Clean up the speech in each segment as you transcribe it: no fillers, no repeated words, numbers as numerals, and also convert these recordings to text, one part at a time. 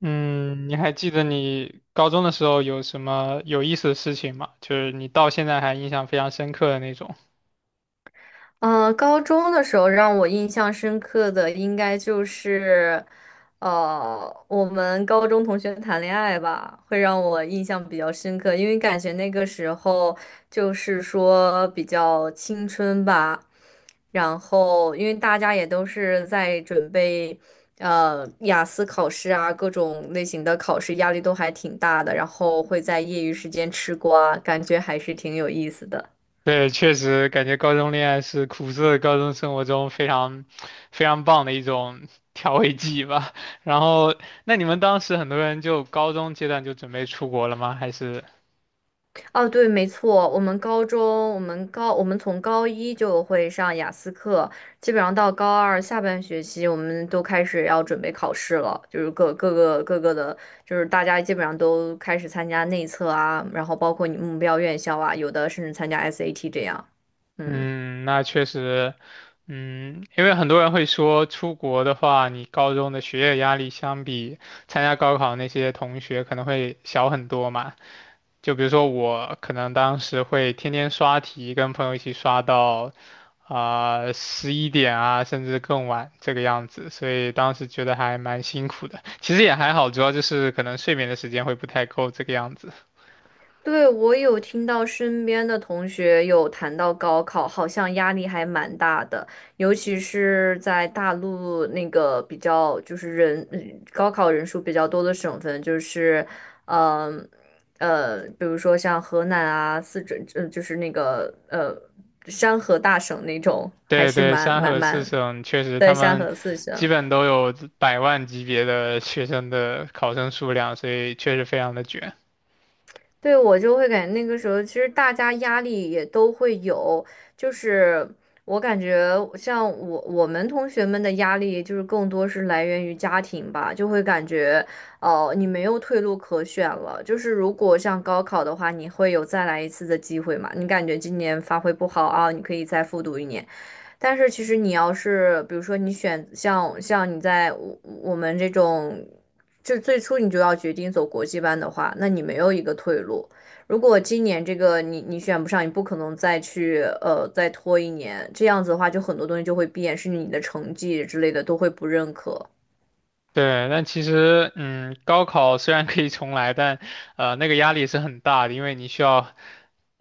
嗯，你还记得你高中的时候有什么有意思的事情吗？就是你到现在还印象非常深刻的那种。高中的时候让我印象深刻的应该就是，我们高中同学谈恋爱吧，会让我印象比较深刻，因为感觉那个时候就是说比较青春吧，然后因为大家也都是在准备，雅思考试啊，各种类型的考试，压力都还挺大的，然后会在业余时间吃瓜，感觉还是挺有意思的。对，确实感觉高中恋爱是苦涩的高中生活中非常非常棒的一种 调味剂吧。然后，那你们当时很多人就高中阶段就准备出国了吗？还是？哦，对，没错，我们高中，我们高，我们从高一就会上雅思课，基本上到高二下半学期，我们都开始要准备考试了，就是各个的，就是大家基本上都开始参加内测啊，然后包括你目标院校啊，有的甚至参加 SAT 这样，嗯。嗯，那确实。因为很多人会说出国的话，你高中的学业压力相比参加高考那些同学可能会小很多嘛。就比如说我可能当时会天天刷题，跟朋友一起刷到啊11点啊，甚至更晚这个样子，所以当时觉得还蛮辛苦的。其实也还好，主要就是可能睡眠的时间会不太够这个样子。对，我有听到身边的同学有谈到高考，好像压力还蛮大的，尤其是在大陆那个比较就是高考人数比较多的省份，就是嗯比如说像河南啊、四川，就是那个山河大省那种，还对是对，蛮三蛮河四蛮省确实对，他山们河四基省。本都有百万级别的学生的考生数量，所以确实非常的卷。对，我就会感觉那个时候，其实大家压力也都会有，就是我感觉像我们同学们的压力，就是更多是来源于家庭吧，就会感觉，哦、你没有退路可选了。就是如果像高考的话，你会有再来一次的机会嘛？你感觉今年发挥不好啊，你可以再复读一年。但是其实你要是，比如说你选像你在我们这种，就最初你就要决定走国际班的话，那你没有一个退路。如果今年这个你选不上，你不可能再去再拖一年，这样子的话，就很多东西就会变，甚至你的成绩之类的都会不认可。对，但其实，高考虽然可以重来，但，那个压力是很大的，因为你需要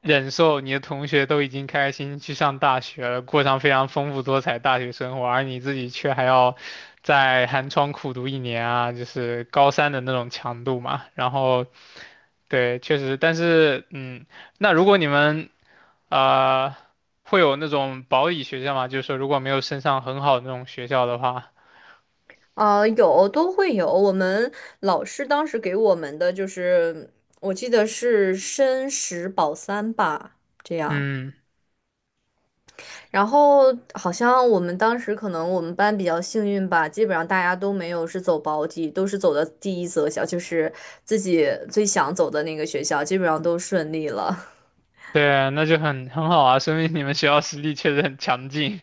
忍受你的同学都已经开心心去上大学了，过上非常丰富多彩大学生活，而你自己却还要在寒窗苦读一年啊，就是高三的那种强度嘛。然后对，确实，但是，那如果你们呃会有那种保底学校嘛，就是说如果没有升上很好的那种学校的话。啊，有都会有。我们老师当时给我们的就是，我记得是申十保三吧，这样。嗯，然后好像我们当时可能我们班比较幸运吧，基本上大家都没有是走保底，都是走的第一择校，就是自己最想走的那个学校，基本上都顺利了。对，那就很好啊，说明你们学校实力确实很强劲。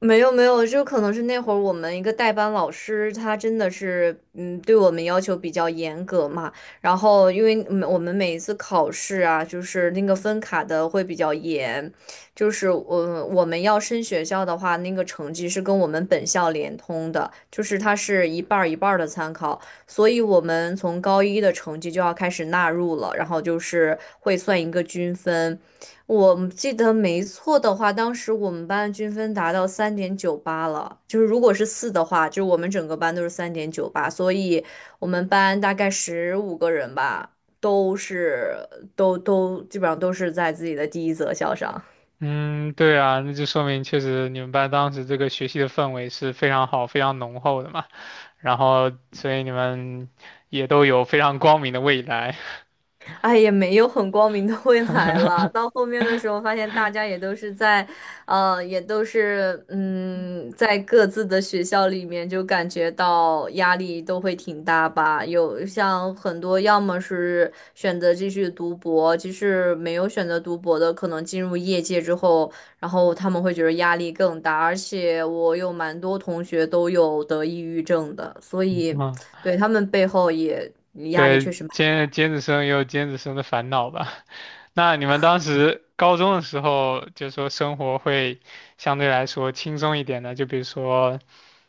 没有没有，就可能是那会儿我们一个代班老师，他真的是，对我们要求比较严格嘛。然后，因为我们每一次考试啊，就是那个分卡的会比较严，就是我们要升学校的话，那个成绩是跟我们本校联通的，就是它是一半儿一半儿的参考，所以我们从高一的成绩就要开始纳入了，然后就是会算一个均分。我记得没错的话，当时我们班均分达到三点九八了，就是如果是四的话，就是我们整个班都是三点九八，所以我们班大概15个人吧，都是都都基本上都是在自己的第一择校上。嗯，对啊，那就说明确实你们班当时这个学习的氛围是非常好、非常浓厚的嘛，然后所以你们也都有非常光明的未来。哎，也没有很光明的未来了。到后面的时候，发现大家也都是在，也都是，在各自的学校里面，就感觉到压力都会挺大吧。有像很多，要么是选择继续读博，即使没有选择读博的，可能进入业界之后，然后他们会觉得压力更大。而且我有蛮多同学都有得抑郁症的，所 以嗯对他们背后也压力确对，实。蛮。尖子生也有尖子生的烦恼吧？那你们当时高中的时候，就说生活会相对来说轻松一点的，就比如说，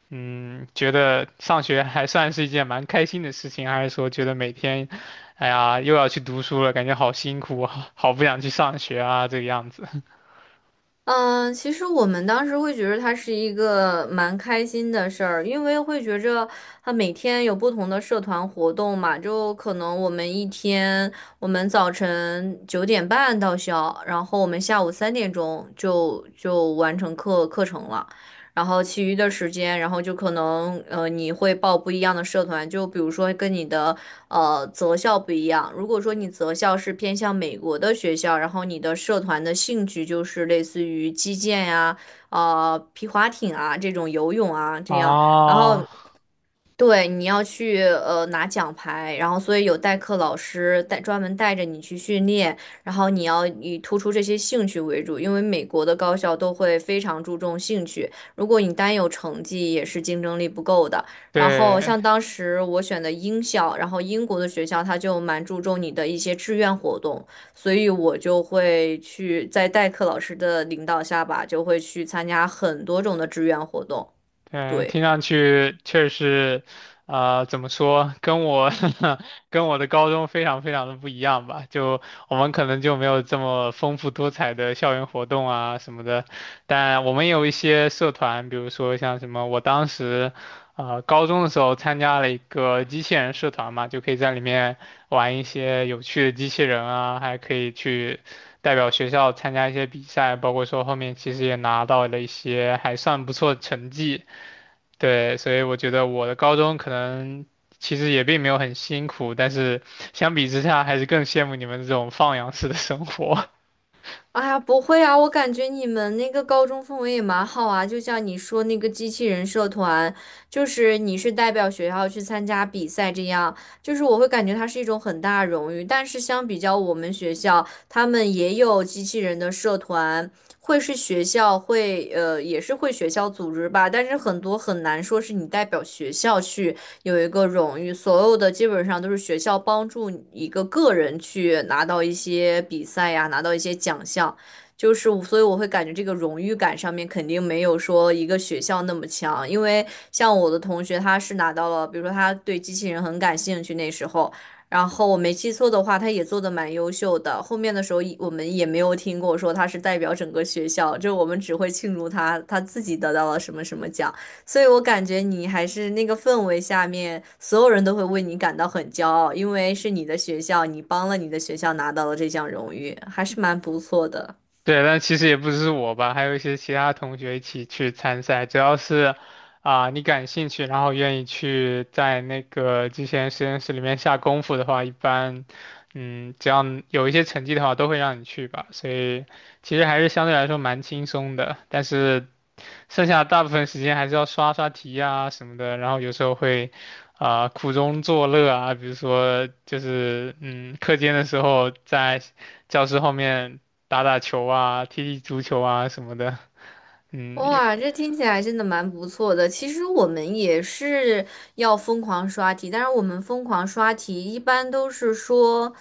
觉得上学还算是一件蛮开心的事情，还是说觉得每天，哎呀，又要去读书了，感觉好辛苦，好不想去上学啊，这个样子。嗯，其实我们当时会觉得它是一个蛮开心的事儿，因为会觉着它每天有不同的社团活动嘛，就可能我们一天，我们早晨9点半到校，然后我们下午3点钟就完成课程了，然后其余的时间，然后就可能你会报不一样的社团，就比如说跟你的择校不一样。如果说你择校是偏向美国的学校，然后你的社团的兴趣就是类似于击剑呀、皮划艇啊这种游泳啊 这样，然后啊，对，你要去拿奖牌，然后所以有代课老师带专门带着你去训练，然后你要以突出这些兴趣为主，因为美国的高校都会非常注重兴趣，如果你单有成绩也是竞争力不够的。然后对，像当时我选的英校，然后英国的学校他就蛮注重你的一些志愿活动，所以我就会去在代课老师的领导下吧，就会去参加很多种的志愿活动，嗯，对。听上去确实，怎么说，跟我 跟我的高中非常非常的不一样吧？就我们可能就没有这么丰富多彩的校园活动啊什么的，但我们也有一些社团，比如说像什么，我当时，高中的时候参加了一个机器人社团嘛，就可以在里面玩一些有趣的机器人啊，还可以去，代表学校参加一些比赛，包括说后面其实也拿到了一些还算不错的成绩。对，所以我觉得我的高中可能其实也并没有很辛苦，但是相比之下还是更羡慕你们这种放养式的生活。哎呀，不会啊，我感觉你们那个高中氛围也蛮好啊，就像你说那个机器人社团，就是你是代表学校去参加比赛这样，就是我会感觉它是一种很大的荣誉。但是相比较我们学校，他们也有机器人的社团，会是学校会也是会学校组织吧，但是很多很难说是你代表学校去。有一个荣誉，所有的基本上都是学校帮助一个个人去拿到一些比赛呀，拿到一些奖项，就是我所以我会感觉这个荣誉感上面肯定没有说一个学校那么强，因为像我的同学他是拿到了，比如说他对机器人很感兴趣那时候。然后我没记错的话，他也做的蛮优秀的。后面的时候，我们也没有听过说他是代表整个学校，就我们只会庆祝他自己得到了什么什么奖。所以我感觉你还是那个氛围下面，所有人都会为你感到很骄傲，因为是你的学校，你帮了你的学校拿到了这项荣誉，还是蛮不错的。对，但其实也不只是我吧，还有一些其他同学一起去参赛。只要是啊、你感兴趣，然后愿意去在那个机器人实验室里面下功夫的话，一般，只要有一些成绩的话，都会让你去吧。所以其实还是相对来说蛮轻松的，但是剩下大部分时间还是要刷刷题啊什么的，然后有时候会啊、苦中作乐啊，比如说就是课间的时候在教室后面打打球啊，踢踢足球啊什么的。也哇，这听起来真的蛮不错的。其实我们也是要疯狂刷题，但是我们疯狂刷题一般都是说，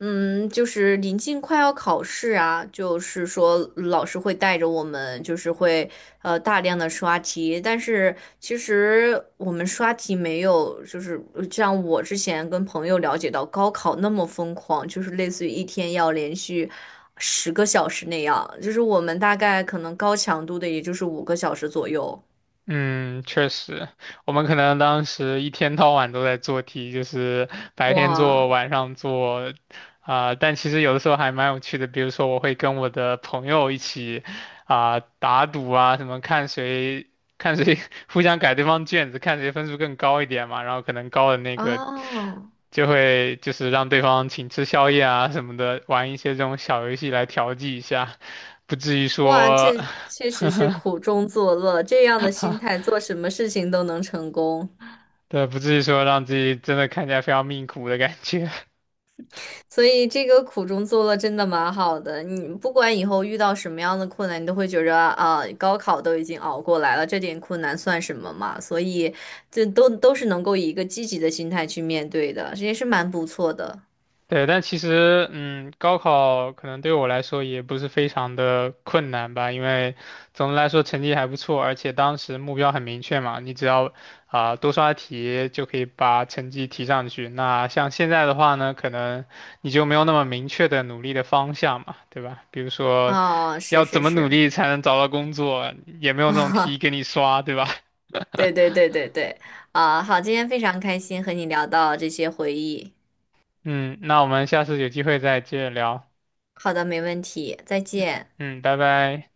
就是临近快要考试啊，就是说老师会带着我们，就是会大量的刷题，但是其实我们刷题没有，就是像我之前跟朋友了解到高考那么疯狂，就是类似于一天要连续10个小时那样，就是我们大概可能高强度的也就是5个小时左右。嗯，确实，我们可能当时一天到晚都在做题，就是白天做，哇晚上做，啊、但其实有的时候还蛮有趣的。比如说，我会跟我的朋友一起啊、打赌啊，什么看谁 互相改对方卷子，看谁分数更高一点嘛。然后可能高的那个啊！就会就是让对方请吃宵夜啊什么的，玩一些这种小游戏来调剂一下。不至于哇，说，这 确实是苦中作乐，这样的心态做什么事情都能成功，对，不至于说让自己真的看起来非常命苦的感觉。所以这个苦中作乐真的蛮好的。你不管以后遇到什么样的困难，你都会觉着啊，高考都已经熬过来了，这点困难算什么嘛？所以这都是能够以一个积极的心态去面对的，这也是蛮不错的 对，但其实，高考可能对我来说也不是非常的困难吧，因为总的来说成绩还不错，而且当时目标很明确嘛，你只要啊、多刷题就可以把成绩提上去。那像现在的话呢，可能你就没有那么明确的努力的方向嘛，对吧？比如说，啊。是要怎是么努是 力才能找到工作，也没 有那种题啊，给你刷，对吧？对对对对对啊，好，今天非常开心和你聊到这些回忆。嗯，那我们下次有机会再接着聊。好的，没问题，再见。嗯，拜拜。